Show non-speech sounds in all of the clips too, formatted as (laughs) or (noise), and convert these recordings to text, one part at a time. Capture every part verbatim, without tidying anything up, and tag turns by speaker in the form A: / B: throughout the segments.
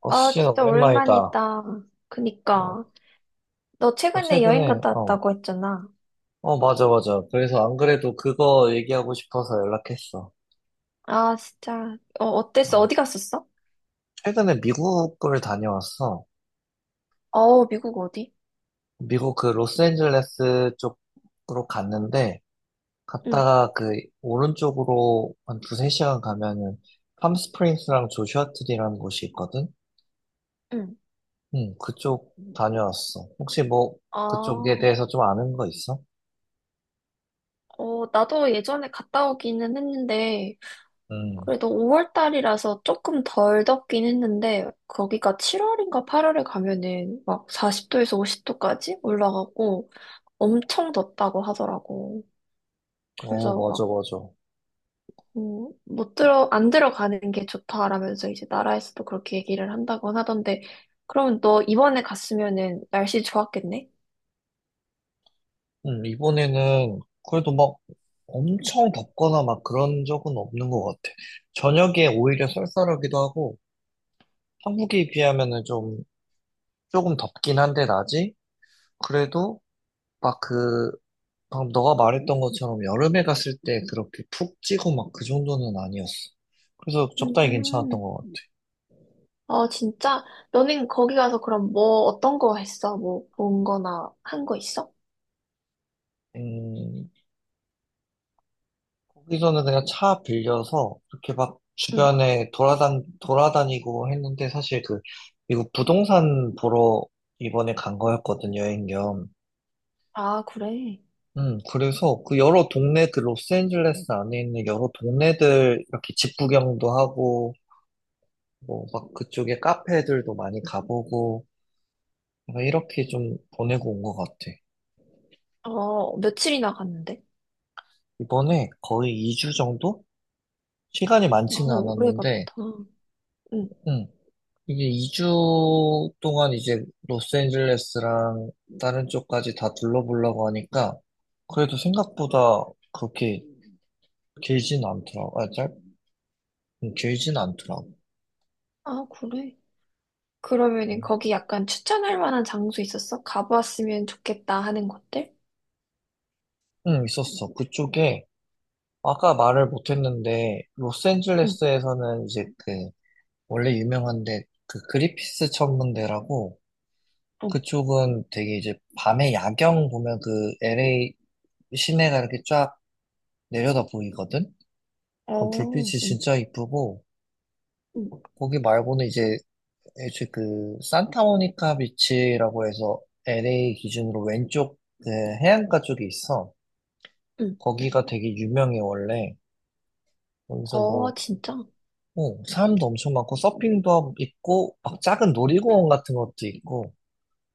A: 어,
B: 아,
A: 수진아,
B: 진짜
A: 오랜만이다.
B: 오랜만이다.
A: 어,
B: 그니까. 너
A: 나
B: 최근에 여행
A: 최근에,
B: 갔다
A: 어,
B: 왔다고 했잖아.
A: 어, 맞아, 맞아. 그래서 안 그래도 그거 얘기하고 싶어서 연락했어.
B: 아, 진짜. 어, 어땠어?
A: 어,
B: 어디 갔었어?
A: 최근에 미국을 다녀왔어.
B: 어, 미국 어디?
A: 미국 그 로스앤젤레스 쪽으로 갔는데,
B: 응,
A: 갔다가 그 오른쪽으로 한 두세 시간 가면은 팜스프링스랑 조슈아트리라는 곳이 있거든?
B: 응.
A: 응, 그쪽 다녀왔어. 혹시 뭐, 그쪽에
B: 아,
A: 대해서 좀 아는 거 있어?
B: 어, 나도 예전에 갔다 오기는 했는데,
A: 응,
B: 그래도 오월 달이라서 조금 덜 덥긴 했는데, 거기가 칠월인가 팔월에 가면은 막 사십 도에서 오십 도까지 올라가고 엄청 덥다고 하더라고.
A: 어,
B: 그래서
A: 맞아,
B: 막
A: 맞아.
B: 음, 못 들어, 안 들어가는 게 좋다라면서 이제 나라에서도 그렇게 얘기를 한다고 하던데, 그럼 너 이번에 갔으면은 날씨 좋았겠네?
A: 음, 이번에는 그래도 막 엄청 덥거나 막 그런 적은 없는 것 같아. 저녁에 오히려 쌀쌀하기도 하고, 한국에 비하면은 좀, 조금 덥긴 한데, 낮이? 그래도 막 그, 방금 너가 말했던 것처럼 여름에 갔을 때 그렇게 푹 찌고 막 그 정도는 아니었어. 그래서 적당히 괜찮았던
B: 음,
A: 것 같아.
B: 어, 진짜? 너는 거기 가서 그럼 뭐, 어떤 거 했어? 뭐, 본 거나 한 거 있어?
A: 음, 거기서는 그냥 차 빌려서 이렇게 막
B: 응.
A: 주변에 돌아단, 돌아다니고 했는데 사실 그 미국 부동산 보러 이번에 간 거였거든, 여행 겸.
B: 아, 그래.
A: 음, 그래서 그 여러 동네, 그 로스앤젤레스 안에 있는 여러 동네들 이렇게 집 구경도 하고, 뭐 막 그쪽에 카페들도 많이 가보고, 내가 이렇게 좀 보내고 온 것 같아.
B: 어, 며칠이나 갔는데?
A: 이번에 거의 이 주 정도? 시간이
B: 아,
A: 많지는
B: 오래 갔다.
A: 않았는데,
B: 응.
A: 음, 이게 이 주 동안 이제 로스앤젤레스랑 다른 쪽까지 다 둘러보려고 하니까 그래도 생각보다 그렇게 길진 않더라고. 아, 짧, 음, 길진 않더라고.
B: 아, 그래. 그러면은
A: 음,
B: 거기 약간 추천할 만한 장소 있었어? 가보았으면 좋겠다 하는 곳들?
A: 음, 있었어. 그쪽에 아까 말을 못했는데
B: 응,
A: 로스앤젤레스에서는 이제 그 원래 유명한데 그 그리피스 천문대라고,
B: 응.
A: 그쪽은 되게 이제 밤에 야경 보면 그 엘에이 시내가 이렇게 쫙 내려다 보이거든. 그럼 불빛이
B: 어, 응,
A: 진짜 이쁘고,
B: 응.
A: 거기 말고는 이제 애초에 그 산타모니카 비치라고 해서 엘에이 기준으로 왼쪽 그 해안가 쪽에 있어.
B: 응.
A: 거기가 되게 유명해 원래. 거기서 뭐
B: 어, 진짜?
A: 어, 사람도 엄청 많고 서핑도 함- 있고 막 작은 놀이공원 같은 것도 있고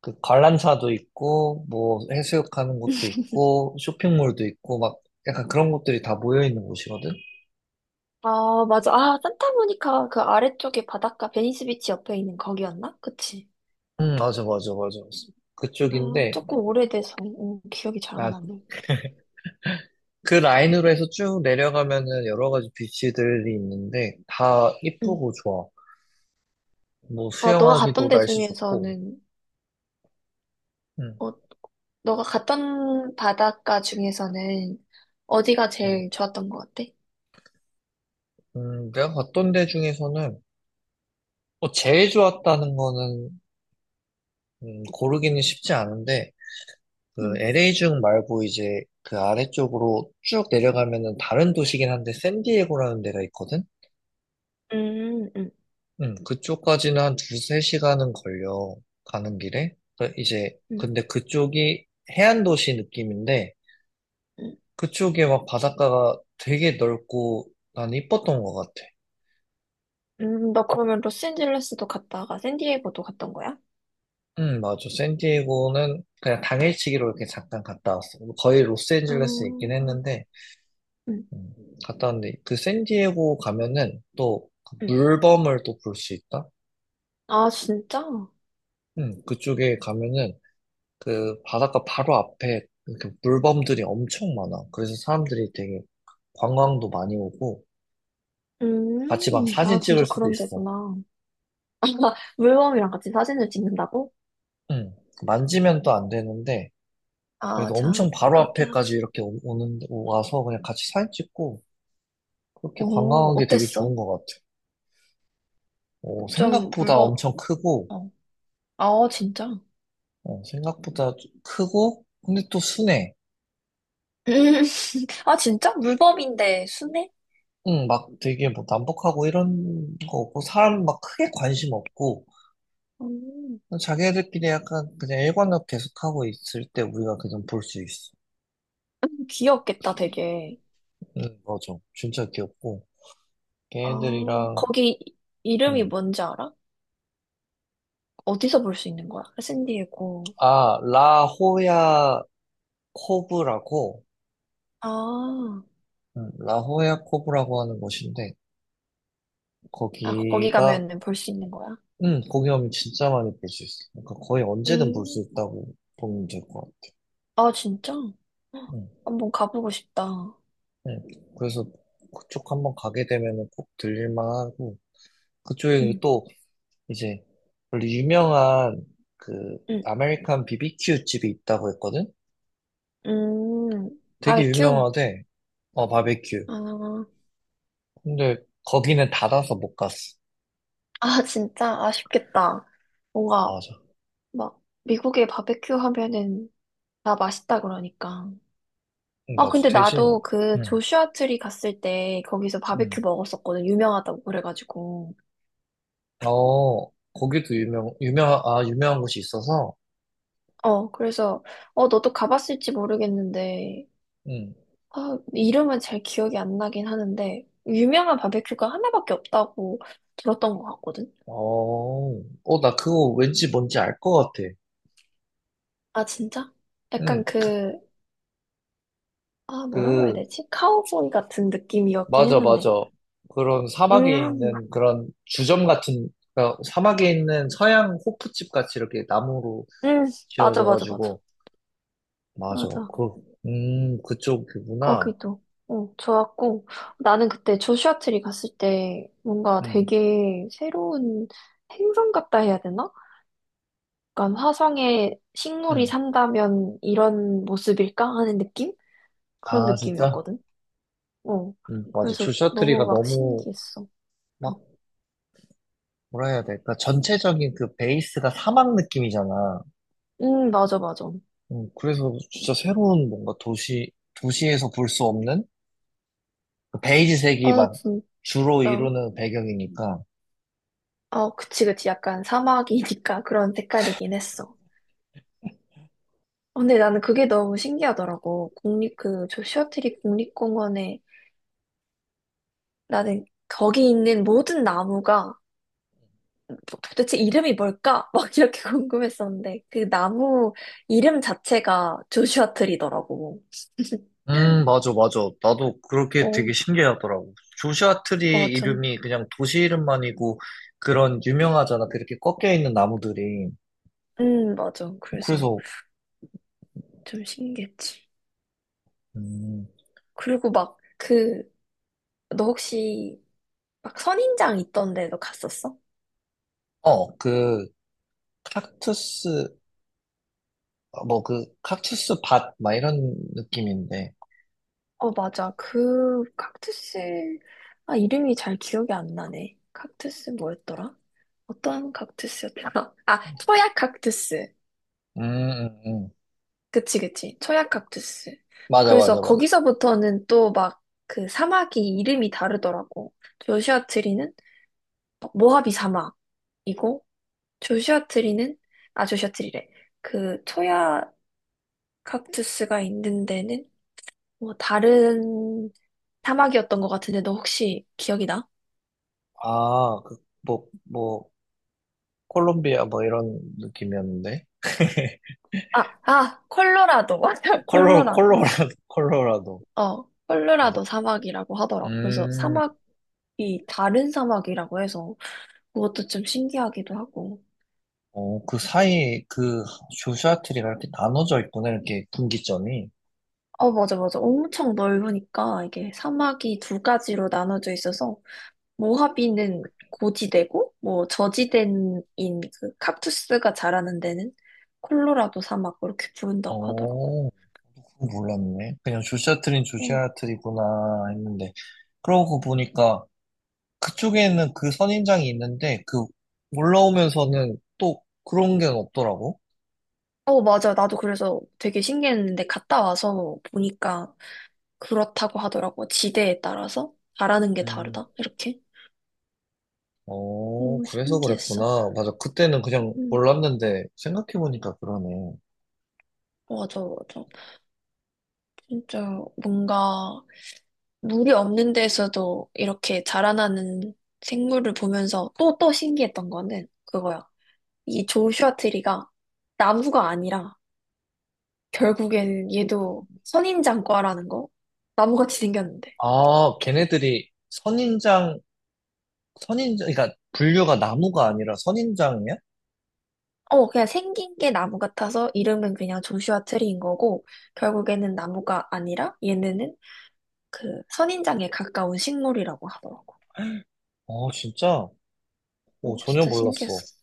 A: 그 관람차도 있고 뭐 해수욕하는 곳도 있고 쇼핑몰도 있고 막 약간 그런 곳들이 다 모여 있는 곳이거든.
B: 아, 맞아. 아, 산타모니카 그 아래쪽에 바닷가 베니스 비치 옆에 있는 거기였나? 그치?
A: 음, 맞아, 맞아, 맞아.
B: 아,
A: 그쪽인데.
B: 조금 오래돼서 음, 기억이 잘 안
A: 아,
B: 나네.
A: 그 라인으로 해서 쭉 내려가면은 여러 가지 비치들이 있는데 다
B: 응.
A: 이쁘고 좋아. 뭐
B: 아, 너가 갔던
A: 수영하기도
B: 데
A: 날씨 좋고.
B: 중에서는,
A: 음,
B: 어, 너가 갔던 바닷가 중에서는 어디가
A: 음.
B: 제일 좋았던 것 같아?
A: 음, 내가 갔던 데 중에서는 뭐 제일 좋았다는 거는, 음, 고르기는 쉽지 않은데 그
B: 응.
A: 엘에이 중 말고 이제 그 아래쪽으로 쭉 내려가면은 다른 도시긴 한데 샌디에고라는 데가 있거든.
B: 음, 음,
A: 음, 그쪽까지는 한 두세 시간은 걸려 가는 길에. 그 이제
B: 음,
A: 근데 그쪽이 해안 도시 느낌인데
B: 음.
A: 그쪽에 막 바닷가가 되게 넓고 난 이뻤던 것 같아.
B: 음, 너 그러면 로스앤젤레스도 갔다가 샌디에고도 갔던 거야?
A: 응, 맞아. 샌디에고는 그냥 당일치기로 이렇게 잠깐 갔다 왔어. 거의
B: 아,
A: 로스앤젤레스에 있긴
B: 음,
A: 했는데, 음, 갔다 왔는데, 그 샌디에고 가면은 또그
B: 음.
A: 물범을 또 볼 수 있다?
B: 아, 진짜?
A: 응, 그쪽에 가면은 그 바닷가 바로 앞에 이렇게 물범들이 엄청 많아. 그래서 사람들이 되게 관광도 많이 오고, 같이 막
B: 음, 아,
A: 사진 찍을
B: 진짜
A: 수도
B: 그런
A: 있어.
B: 데구나. 물범이랑 같이 사진을 찍는다고?
A: 응, 만지면 또 안 되는데,
B: 아,
A: 그래서 엄청
B: 참,
A: 바로
B: 그렇긴
A: 앞에까지
B: 하지.
A: 이렇게 오- 오는, 와서 그냥 같이 사진 찍고, 그렇게
B: 오,
A: 관광한 게 되게
B: 어땠어?
A: 좋은 것 같아. 어,
B: 좀
A: 생각보다
B: 물범,
A: 엄청 크고,
B: 어. 아, 진짜?
A: 어, 생각보다 좀 크고, 근데 또 순해.
B: (laughs) 아, 진짜? 물범인데 순해?
A: 응, 막 되게 뭐 남북하고 이런 거 없고, 사람 막 크게 관심 없고,
B: 음,
A: 자기들끼리 약간 그냥 일관력 계속하고 있을 때 우리가 그냥 볼 수 있어.
B: 귀엽겠다, 되게.
A: 응, 맞아. 진짜 귀엽고,
B: 아,
A: 걔네들이랑,
B: 거기 이- 이름이
A: 응.
B: 뭔지 알아? 어디서 볼 수 있는 거야? 샌디에고.
A: 아, 라호야 코브라고,
B: 아,
A: 음, 라호야코브라고 하는 곳인데
B: 아, 거기
A: 거기가
B: 가면은 볼 수 있는 거야?
A: 음, 거기 가면 진짜 많이 볼 수 있어. 그러니까 거의 언제든 볼 수
B: 음,
A: 있다고 보면 될 것 같아.
B: 아, 진짜? 헉,
A: 음,
B: 한번 가보고 싶다.
A: 음. 그래서 그쪽 한번 가게 되면은 꼭 들릴만 하고 그쪽에
B: 응,
A: 또 이제 원래 유명한 그
B: 응,
A: 아메리칸 비비큐 집이 있다고 했거든.
B: 음,
A: 되게
B: 바베큐?
A: 유명하대. 어 바베큐.
B: 아,
A: 근데 거기는 닫아서 못 갔어.
B: 아, 진짜 아쉽겠다. 뭔가
A: 맞아.
B: 막 미국에 바베큐 하면은 다 맛있다 그러니까.
A: 응,
B: 아,
A: 맞아.
B: 근데
A: 대신
B: 나도 그
A: 응.
B: 조슈아 트리 갔을 때 거기서
A: 응.
B: 바베큐 먹었었거든. 유명하다고 그래가지고.
A: 어, 거기도 유명, 유명, 아, 유명한 곳이 있어서,
B: 어, 그래서 어, 너도 가봤을지 모르겠는데
A: 응.
B: 아, 이름은 잘 기억이 안 나긴 하는데 유명한 바베큐가 하나밖에 없다고 들었던 것 같거든.
A: 어, 어, 나 그거 왠지 뭔지 알 것 같아.
B: 아, 진짜?
A: 응,
B: 약간 그 아, 뭐라고 해야
A: 그,
B: 되지? 카우보이 같은 느낌이었긴
A: 맞아, 맞아.
B: 했는데.
A: 그런 사막에
B: 음.
A: 있는 그런 주점 같은, 그러니까 사막에 있는 서양 호프집 같이 이렇게 나무로
B: 음, 맞아, 맞아, 맞아.
A: 지어져가지고, 맞아.
B: 맞아.
A: 그, 음, 그쪽이구나.
B: 거기도. 어 좋았고. 나는 그때 조슈아 트리 갔을 때 뭔가
A: 응,
B: 되게 새로운 행성 같다 해야 되나? 약간 화성에 식물이
A: 응.
B: 산다면 이런 모습일까? 하는 느낌? 그런
A: 아, 진짜?
B: 느낌이었거든. 어.
A: 음, 맞아.
B: 그래서 너무
A: 줄셔트리가
B: 막
A: 너무,
B: 신기했어. 응,
A: 막, 뭐라 해야 될까? 전체적인 그 베이스가 사막 느낌이잖아.
B: 음, 맞아, 맞아.
A: 음, 그래서 진짜 새로운 뭔가 도시, 도시에서 볼 수 없는 그 베이지색이
B: 어,
A: 막
B: 진짜.
A: 주로 이루는 배경이니까.
B: 어, 그치, 그치. 약간 사막이니까 (laughs) 그런 색깔이긴 했어. 어, 근데 나는 그게 너무 신기하더라고. 국립, 그, 저 시어트리 국립공원에 나는 거기 있는 모든 나무가 도- 도대체 이름이 뭘까? (laughs) 막 이렇게 궁금했었는데 그 나무 이름 자체가 조슈아 트리더라고.
A: 음,
B: (laughs)
A: 맞아, 맞아. 나도 그렇게
B: 어,
A: 되게 신기하더라고. 조슈아 트리
B: 맞아.
A: 이름이 그냥 도시 이름만이고 그런 유명하잖아. 그렇게 꺾여 있는 나무들이.
B: 음, 맞아. 그래서
A: 그래서,
B: 좀 신기했지.
A: 음,
B: 그리고 막 그, 너 혹시 막 선인장 있던 데도 갔었어?
A: 어, 그, 칵투스, 어, 뭐 그, 칵투스 밭, 막 이런 느낌인데.
B: 어, 맞아. 그 칵투스, 아, 이름이 잘 기억이 안 나네. 칵투스 뭐였더라? 어떤 칵투스였더라? (laughs) 아, 초약 칵투스.
A: 음, 음, 음.
B: 그치, 그치. 초약 칵투스.
A: 맞아, 맞아,
B: 그래서
A: 맞아.
B: 거기서부터는 또 막 그 사막이 이름이 다르더라고. 조슈아 트리는 어, 모하비 사막이고, 조슈아 트리는, 아, 조슈아 트리래. 그 초약 칵투스가 있는 데는 뭐 다른 사막이었던 것 같은데, 너 혹시 기억이 나?
A: 아, 그, 뭐, 뭐, 콜롬비아 뭐 이런 느낌이었는데 (laughs)
B: 아, 아, 콜로라도. (laughs) 맞아,
A: 콜로
B: 콜로라도.
A: 콜로라 콜로라도
B: 어,
A: 맞아.
B: 콜로라도 사막이라고 하더라고. 그래서
A: 음,
B: 사막이 다른 사막이라고 해서 그것도 좀 신기하기도 하고.
A: 어, 그 사이 그 조슈아트리가 이렇게 나눠져 있구나 이렇게 분기점이.
B: 어, 맞아, 맞아. 엄청 넓으니까 이게 사막이 두 가지로 나눠져 있어서 모하비는 고지대고, 뭐, 저지대인 그 kaktu스가 자라는 데는 콜로라도 사막 그렇게 부른다고 하더라고.
A: 어, 그거 몰랐네. 그냥 조슈아트리는
B: 어.
A: 조슈아트리구나 했는데 그러고 보니까 그쪽에는 그 선인장이 있는데 그 올라오면서는 또 그런 게 없더라고.
B: 어, 맞아. 나도 그래서 되게 신기했는데 갔다 와서 보니까 그렇다고 하더라고. 지대에 따라서 잘하는 게
A: 음.
B: 다르다. 이렇게.
A: 어,
B: 너무
A: 그래서
B: 신기했어.
A: 그랬구나. 맞아. 그때는 그냥
B: 음,
A: 몰랐는데 생각해 보니까 그러네.
B: 맞아, 맞아. 진짜 뭔가 물이 없는 데서도 이렇게 자라나는 생물을 보면서 또, 또 신기했던 거는 그거야. 이 조슈아 트리가 나무가 아니라 결국에는 얘도 선인장과라는 거. 나무같이 생겼는데.
A: 아, 걔네들이 선인장, 선인장, 그러니까 분류가 나무가 아니라 선인장이야?
B: 어, 그냥 생긴 게 나무 같아서 이름은 그냥 조슈아 트리인 거고, 결국에는 나무가 아니라 얘네는 그 선인장에 가까운 식물이라고 하더라고.
A: 아, 진짜? 오,
B: 어,
A: 전혀
B: 진짜
A: 몰랐어.
B: 신기했었어.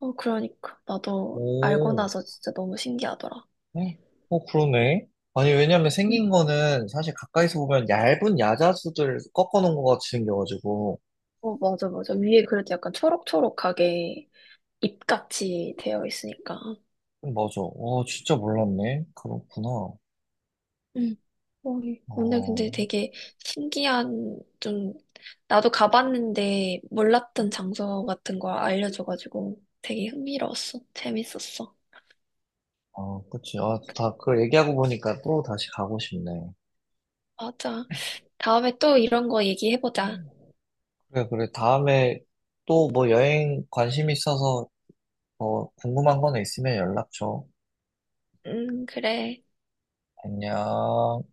B: 어, 그러니까. 나도 알고
A: 오,
B: 나서 진짜 너무 신기하더라.
A: 에? 어, 그러네. 아니, 왜냐면
B: 응.
A: 생긴 거는 사실 가까이서 보면 얇은 야자수들 꺾어놓은 것 같이 생겨가지고.
B: 어, 맞아, 맞아. 위에 그래도 약간 초록초록하게 잎같이 되어 있으니까.
A: 음, 맞아. 와, 진짜 몰랐네. 그렇구나.
B: 응. 어, 오늘
A: 어,
B: 근데 되게 신기한, 좀, 나도 가봤는데 몰랐던 장소 같은 거 알려줘가지고 되게 흥미로웠어. 재밌었어.
A: 아, 그치. 아, 다, 그 얘기하고 보니까 또 다시 가고 싶네.
B: 맞아. 다음에 또 이런 거 얘기해보자.
A: 그래, 그래. 다음에 또 뭐 여행 관심 있어서 뭐 궁금한 거는 있으면 연락 줘.
B: 응, 그래.
A: 안녕.